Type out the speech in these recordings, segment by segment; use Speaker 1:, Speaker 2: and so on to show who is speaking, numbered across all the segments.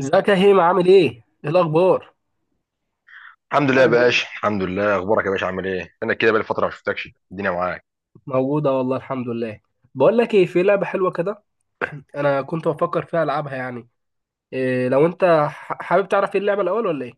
Speaker 1: ازيك يا هيما؟ عامل ايه؟ ايه الاخبار؟
Speaker 2: الحمد لله، يا عامل ايه؟ باشا، الحمد لله. اخبارك يا باشا؟ عامل ايه؟ انا كده بقالي فتره ما شفتكش الدنيا معاك.
Speaker 1: موجودة والله، الحمد لله. بقول لك ايه، في لعبة حلوة كده انا كنت بفكر فيها العبها يعني. إيه لو انت حابب تعرف ايه اللعبة الاول ولا ايه؟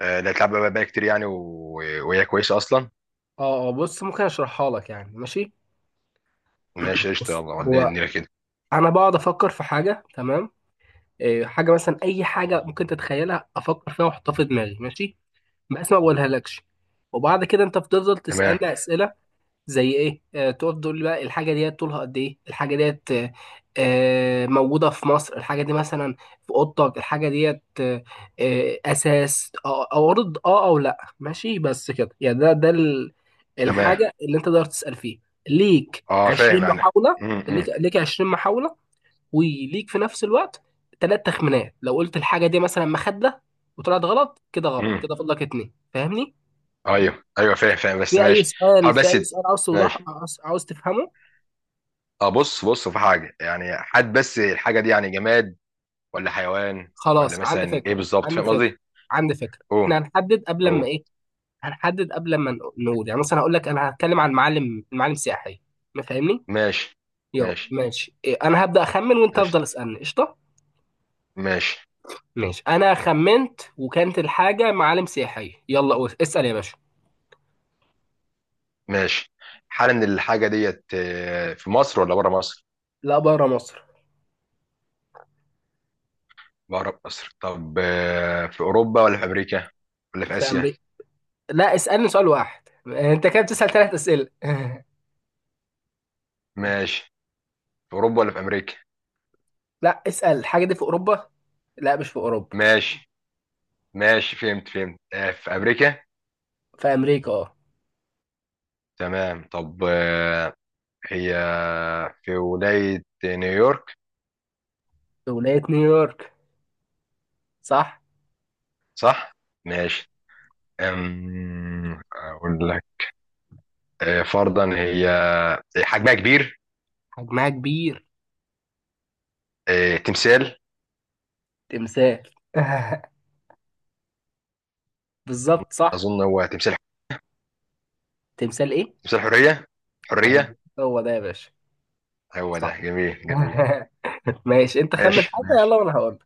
Speaker 2: آه، لا تلعب بقى كتير يعني و... وهي كويسه اصلا.
Speaker 1: اه بص، ممكن اشرحها لك يعني؟ ماشي؟
Speaker 2: ماشي قشطه،
Speaker 1: بص
Speaker 2: يلا وديني
Speaker 1: هو
Speaker 2: الدنيا كده.
Speaker 1: انا بقعد افكر في حاجة، تمام؟ إيه حاجة مثلا، اي حاجة ممكن تتخيلها افكر فيها واحطها في دماغي، ماشي؟ بس ما بقولها لكش. وبعد كده انت بتفضل
Speaker 2: تمام،
Speaker 1: تسألني اسئلة زي ايه، تقعد تقول لي بقى الحاجه ديت طولها قد ايه، الحاجه ديت موجوده في مصر الحاجه دي مثلا، في اوضتك الحاجه ديت اساس او ارض اه او لا، ماشي؟ بس كده يعني.
Speaker 2: تمام.
Speaker 1: الحاجه اللي انت تقدر تسال فيها، ليك
Speaker 2: اه،
Speaker 1: 20
Speaker 2: فاهم انا.
Speaker 1: محاوله، ليك
Speaker 2: امم
Speaker 1: ليك 20 محاوله. وليك في نفس الوقت ثلاث تخمينات. لو قلت الحاجه دي مثلا مخده وطلعت غلط، كده غلط
Speaker 2: امم
Speaker 1: كده فاضلك اتنين، فاهمني؟
Speaker 2: ايوه، ايوه، فاهم فاهم، بس
Speaker 1: في اي
Speaker 2: ماشي.
Speaker 1: سؤال،
Speaker 2: حاول
Speaker 1: في
Speaker 2: بس.
Speaker 1: اي سؤال عاوز توضح،
Speaker 2: ماشي.
Speaker 1: عاوز تفهمه.
Speaker 2: اه، بص بص في حاجه يعني حد، بس الحاجه دي يعني جماد ولا حيوان؟ ولا
Speaker 1: خلاص عندي
Speaker 2: مثلا
Speaker 1: فكرة.
Speaker 2: ايه بالظبط؟
Speaker 1: عندي
Speaker 2: فاهم
Speaker 1: فكرة
Speaker 2: قصدي؟
Speaker 1: احنا
Speaker 2: اوه،
Speaker 1: هنحدد قبل ما
Speaker 2: اوه.
Speaker 1: ايه، هنحدد قبل ما نقول. يعني مثلا هقول لك انا هتكلم عن معالم سياحية، ما فاهمني؟
Speaker 2: ماشي،
Speaker 1: يلا
Speaker 2: ماشي،
Speaker 1: ماشي، إيه، انا هبدأ اخمن وانت
Speaker 2: قشطه.
Speaker 1: افضل اسألني، قشطة؟
Speaker 2: ماشي،
Speaker 1: ماشي، انا خمنت وكانت الحاجة معالم سياحية، يلا قول اسأل يا باشا.
Speaker 2: ماشي. حالا الحاجة ديت في مصر ولا بره مصر؟
Speaker 1: لا، بره مصر.
Speaker 2: بره مصر. طب في أوروبا ولا في أمريكا؟ ولا في
Speaker 1: في
Speaker 2: آسيا؟
Speaker 1: امريكا. لا، اسألني سؤال واحد، انت كده بتسأل ثلاث اسئلة.
Speaker 2: ماشي. في أوروبا ولا في أمريكا؟
Speaker 1: لا، اسأل الحاجة دي في اوروبا. لا، مش في اوروبا.
Speaker 2: ماشي، ماشي. فهمت، فهمت. في أمريكا؟
Speaker 1: في امريكا اه.
Speaker 2: تمام. طب هي في ولاية نيويورك،
Speaker 1: في ولاية نيويورك، صح.
Speaker 2: صح؟ ماشي. أقول لك. فرضا هي حجمها كبير.
Speaker 1: حجمها كبير.
Speaker 2: تمثال.
Speaker 1: تمثال. بالظبط، صح.
Speaker 2: أظن هو تمثال.
Speaker 1: تمثال ايه؟
Speaker 2: تمثال حرية.
Speaker 1: ايوه.
Speaker 2: حرية.
Speaker 1: هو ده يا باشا،
Speaker 2: هو
Speaker 1: صح.
Speaker 2: ده. جميل، جميل.
Speaker 1: ماشي، انت خمن
Speaker 2: ماشي.
Speaker 1: حاجه يلا
Speaker 2: ماشي،
Speaker 1: وانا هقول.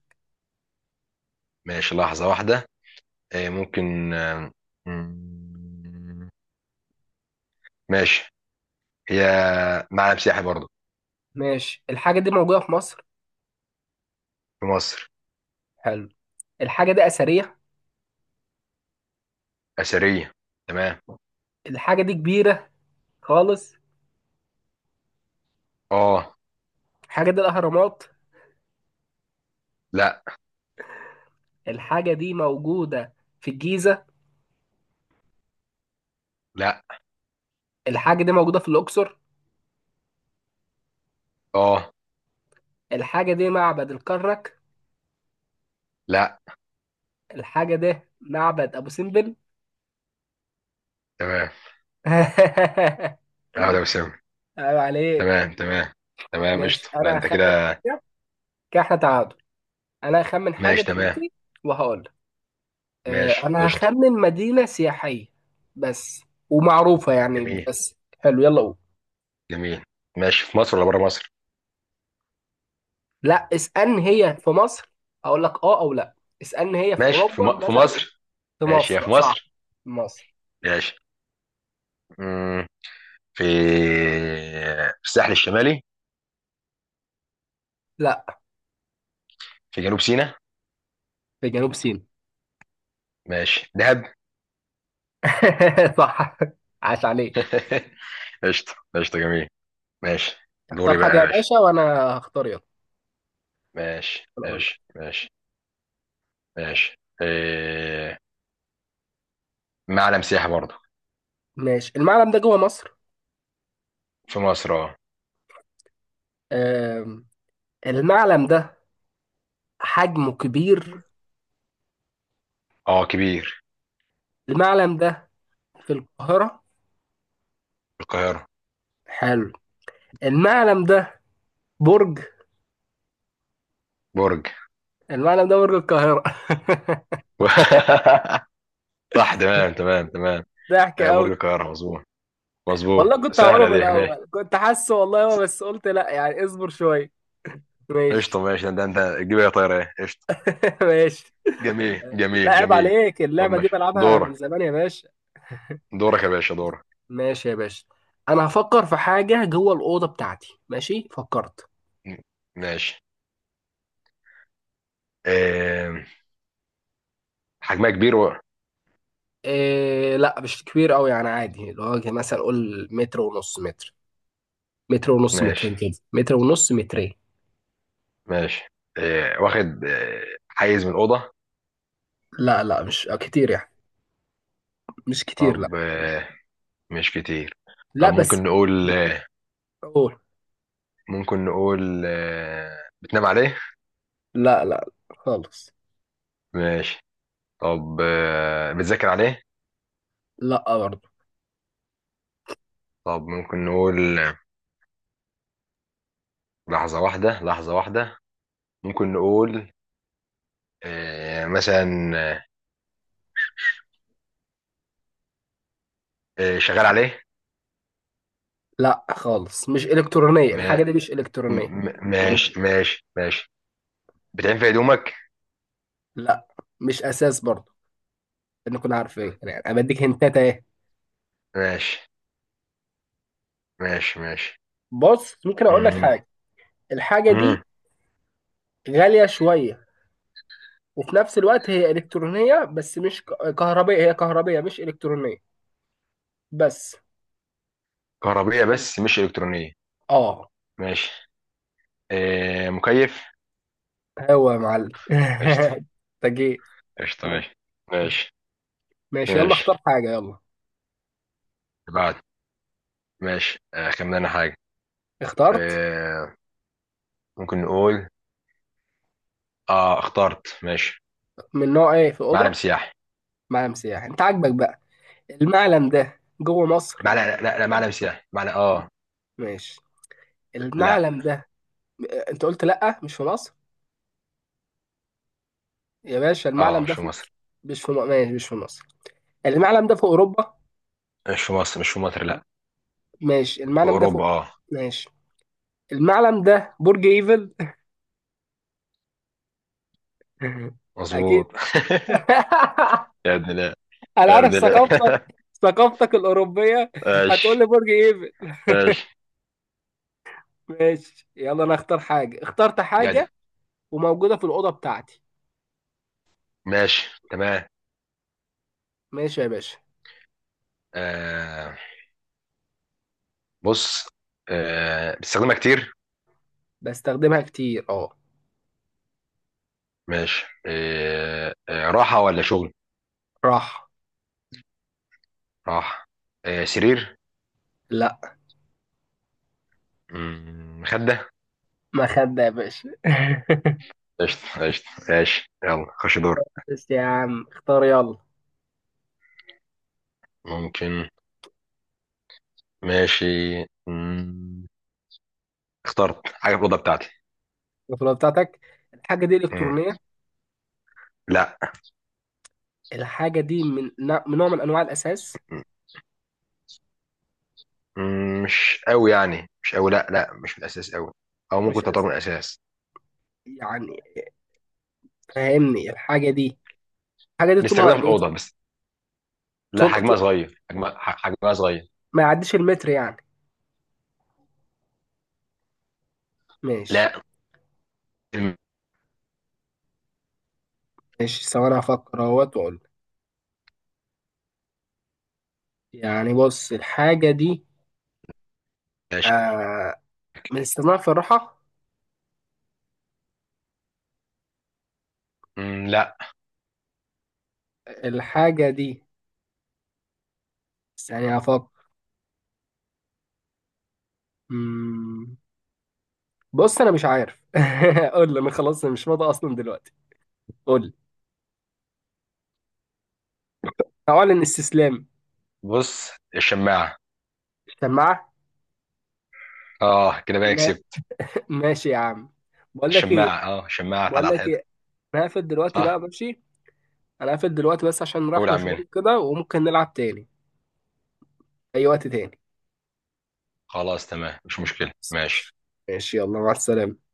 Speaker 2: ماشي. لحظة واحدة. إيه، ممكن مم، ماشي. هي معلم سياحي برضه.
Speaker 1: ماشي، الحاجه دي موجوده في مصر.
Speaker 2: في مصر.
Speaker 1: حلو. الحاجه دي اثريه.
Speaker 2: أثرية. تمام.
Speaker 1: الحاجه دي كبيره خالص.
Speaker 2: اه.
Speaker 1: الحاجه دي الاهرامات.
Speaker 2: لا.
Speaker 1: الحاجه دي موجوده في الجيزه.
Speaker 2: لا.
Speaker 1: الحاجه دي موجوده في الاقصر.
Speaker 2: اه.
Speaker 1: الحاجه دي معبد الكرنك.
Speaker 2: لا.
Speaker 1: الحاجه دي معبد ابو سمبل.
Speaker 2: تمام. اه، ده وسام.
Speaker 1: عيب عليك.
Speaker 2: تمام، تمام، تمام،
Speaker 1: ماشي
Speaker 2: قشطة. لا،
Speaker 1: انا
Speaker 2: انت
Speaker 1: هخمن.
Speaker 2: كده.
Speaker 1: كده، كده احنا تعادل. انا هخمن حاجه
Speaker 2: ماشي، تمام.
Speaker 1: دلوقتي وهقول لك.
Speaker 2: ماشي.
Speaker 1: انا
Speaker 2: قشطة.
Speaker 1: هخمن مدينه سياحيه بس، ومعروفه يعني.
Speaker 2: جميل،
Speaker 1: بس حلو، يلا قول.
Speaker 2: جميل. ماشي. في مصر ولا بره مصر؟
Speaker 1: لا، اسالني هي في مصر، اقول لك اه او لا. اسالني هي في
Speaker 2: ماشي.
Speaker 1: اوروبا
Speaker 2: في
Speaker 1: مثلا.
Speaker 2: مصر.
Speaker 1: في
Speaker 2: ماشي يا. في
Speaker 1: مصر، صح.
Speaker 2: مصر.
Speaker 1: في مصر.
Speaker 2: ماشي. مم، في في الساحل الشمالي.
Speaker 1: لا.
Speaker 2: في جنوب سيناء.
Speaker 1: في جنوب سيناء.
Speaker 2: ماشي. دهب.
Speaker 1: صح، عاش عليك.
Speaker 2: قشطة، قشطة، جميل. ماشي.
Speaker 1: اختار
Speaker 2: دوري
Speaker 1: حاجه
Speaker 2: بقى يا
Speaker 1: يا
Speaker 2: باشا.
Speaker 1: باشا وانا هختار، يلا.
Speaker 2: ماشي،
Speaker 1: أنا اقول لك.
Speaker 2: ماشي، ماشي. ماشي. معلم سياحي برضه.
Speaker 1: ماشي، المعلم ده جوه مصر.
Speaker 2: في مصر. اه.
Speaker 1: آم، المعلم ده حجمه كبير.
Speaker 2: اه، كبير.
Speaker 1: المعلم ده في القاهره.
Speaker 2: في القاهرة.
Speaker 1: حلو. المعلم ده برج.
Speaker 2: برج.
Speaker 1: المعلم ده برج القاهرة.
Speaker 2: صح. تمام، تمام، تمام.
Speaker 1: ضحك قوي.
Speaker 2: برج القاهرة، مظبوط. مظبوط.
Speaker 1: والله كنت هقوله
Speaker 2: سهلة
Speaker 1: من
Speaker 2: دي. ماشي.
Speaker 1: الأول، كنت حاسه والله، هو بس قلت لا يعني اصبر شوية.
Speaker 2: قشطة.
Speaker 1: ماشي.
Speaker 2: ماشي. ده انت تجيب ايه يا طايرة؟ ايه قشطة.
Speaker 1: ماشي.
Speaker 2: جميل،
Speaker 1: لا
Speaker 2: جميل،
Speaker 1: عيب
Speaker 2: جميل.
Speaker 1: عليك،
Speaker 2: طب
Speaker 1: اللعبة دي
Speaker 2: ماشي.
Speaker 1: بلعبها من
Speaker 2: دورك.
Speaker 1: زمان يا باشا.
Speaker 2: دورك يا باشا، دورك.
Speaker 1: ماشي يا باشا، أنا هفكر في حاجة جوه الأوضة بتاعتي. ماشي، فكرت.
Speaker 2: ماشي. إيه... حجمها كبير
Speaker 1: إيه؟ لا مش كبير قوي يعني، عادي، اللي هو مثلا قول متر ونص، متر، متر ونص،
Speaker 2: ماشي،
Speaker 1: مترين كده، متر ونص، مترين.
Speaker 2: ماشي. واخد حيز من الأوضة.
Speaker 1: لا لا، مش كتير يعني. مش كتير، لا.
Speaker 2: طب مش كتير.
Speaker 1: لا
Speaker 2: طب
Speaker 1: بس
Speaker 2: ممكن نقول
Speaker 1: قول.
Speaker 2: ممكن نقول بتنام عليه؟
Speaker 1: لا لا خالص.
Speaker 2: ماشي. طب بتذاكر عليه؟
Speaker 1: لا برضه.
Speaker 2: طب ممكن نقول لحظة واحدة، لحظة واحدة. ممكن نقول مثلا آه، شغال عليه.
Speaker 1: لا خالص، مش إلكترونية الحاجة
Speaker 2: ما-
Speaker 1: دي، مش إلكترونية.
Speaker 2: ماشي، ماشي، ماشي. بتعين في هدومك.
Speaker 1: لا، مش أساس برضه. نكون عارفين يعني، أنا بديك هنتات أهي.
Speaker 2: ماشي، ماشي، ماشي.
Speaker 1: بص، ممكن أقول لك
Speaker 2: مم.
Speaker 1: حاجة. الحاجة دي
Speaker 2: مم.
Speaker 1: غالية شوية، وفي نفس الوقت هي إلكترونية، بس مش كهربائية. هي كهربائية مش إلكترونية، بس.
Speaker 2: كهربية بس مش إلكترونية.
Speaker 1: آه.
Speaker 2: ماشي. مكيف.
Speaker 1: هو يا معلم.
Speaker 2: قشطة،
Speaker 1: أنت جيت.
Speaker 2: قشطة. ماشي، ماشي،
Speaker 1: ماشي، يلا
Speaker 2: ماشي.
Speaker 1: اختار حاجة يلا.
Speaker 2: اللي بعد. ماشي. خمن أنا حاجة.
Speaker 1: اخترت.
Speaker 2: آه ممكن نقول. اه، اخترت. ماشي.
Speaker 1: من نوع إيه، في
Speaker 2: معلم
Speaker 1: أوضة؟
Speaker 2: سياحي،
Speaker 1: معلم سياحي، أنت عاجبك بقى. المعلم ده جوه مصر؟
Speaker 2: معلم. لا، لا، لا، معلم سياحي، معلم. اه.
Speaker 1: ماشي،
Speaker 2: لا.
Speaker 1: المعلم ده، انت قلت لا مش في مصر، يا باشا
Speaker 2: اه
Speaker 1: المعلم
Speaker 2: مش
Speaker 1: ده
Speaker 2: في
Speaker 1: في...
Speaker 2: مصر،
Speaker 1: مش في م- ماشي، مش في مصر. المعلم ده في اوروبا.
Speaker 2: مش في مصر، مش في مصر. لا.
Speaker 1: ماشي،
Speaker 2: في
Speaker 1: المعلم ده في.
Speaker 2: أوروبا، اه.
Speaker 1: ماشي، المعلم ده برج ايفل. اكيد.
Speaker 2: مظبوط. يا ابن لا.
Speaker 1: انا
Speaker 2: يا ابن
Speaker 1: عارف ثقافتك،
Speaker 2: لا.
Speaker 1: ثقافتك الاوروبيه، هتقول
Speaker 2: ماشي.
Speaker 1: لي برج ايفل.
Speaker 2: ماشي.
Speaker 1: ماشي يلا، انا اختار حاجه، اخترت
Speaker 2: جدع.
Speaker 1: حاجه وموجوده في الاوضه بتاعتي.
Speaker 2: ماشي، تمام.
Speaker 1: ماشي يا باشا.
Speaker 2: آه بص. بتستخدمها كتير؟
Speaker 1: بستخدمها كتير، اه.
Speaker 2: ماشي. راحة ولا شغل؟
Speaker 1: راح.
Speaker 2: راح. سرير.
Speaker 1: لا.
Speaker 2: مخدة.
Speaker 1: ما خد يا باشا.
Speaker 2: قشطة، قشطة. ماشي. يلا خش دور.
Speaker 1: بس يا عم اختار يلا.
Speaker 2: ممكن. ماشي. مم، اخترت حاجة في الأوضة بتاعتي.
Speaker 1: البطولة بتاعتك. الحاجة دي
Speaker 2: مم،
Speaker 1: إلكترونية؟
Speaker 2: لا.
Speaker 1: الحاجة دي من من نوع من أنواع الأساس؟
Speaker 2: مش قوي يعني مش قوي، لا لا، مش من الأساس قوي. أو ممكن
Speaker 1: مش
Speaker 2: تعتبر
Speaker 1: الأساس
Speaker 2: من الأساس.
Speaker 1: يعني، فاهمني؟ الحاجة دي، الحاجة دي طولها
Speaker 2: نستخدمها في
Speaker 1: قد إيه؟
Speaker 2: الأوضة بس. لا،
Speaker 1: طول
Speaker 2: حجمها
Speaker 1: طول-
Speaker 2: صغير. حجمها حجمها صغير.
Speaker 1: ما يعديش المتر يعني. ماشي،
Speaker 2: لا.
Speaker 1: ماشي، ثواني هفكر أهوت وأقول. يعني بص، الحاجة دي
Speaker 2: ماشي.
Speaker 1: آه من استخدامها في الراحة؟
Speaker 2: لا.
Speaker 1: الحاجة دي، ثانية هفكر. مم، بص أنا مش عارف. قول لي أنا، خلاص مش فاضي أصلا دلوقتي، قول لي، أعلن استسلام.
Speaker 2: بص، الشماعة.
Speaker 1: سماعة.
Speaker 2: اه كده بقى
Speaker 1: ما-
Speaker 2: كسبت.
Speaker 1: ماشي يا عم. بقول لك ايه،
Speaker 2: الشماعة، اه، الشماعة. تعالى
Speaker 1: بقول
Speaker 2: على
Speaker 1: لك
Speaker 2: الحيطة.
Speaker 1: ايه، انا هقفل دلوقتي
Speaker 2: صح.
Speaker 1: بقى، ماشي؟ انا هقفل دلوقتي بس عشان
Speaker 2: قول
Speaker 1: رايح
Speaker 2: يا
Speaker 1: مشوار
Speaker 2: عمنا.
Speaker 1: كده، وممكن نلعب تاني اي وقت تاني.
Speaker 2: خلاص، تمام، مش مشكلة. ماشي.
Speaker 1: ماشي يلا، مع السلامة.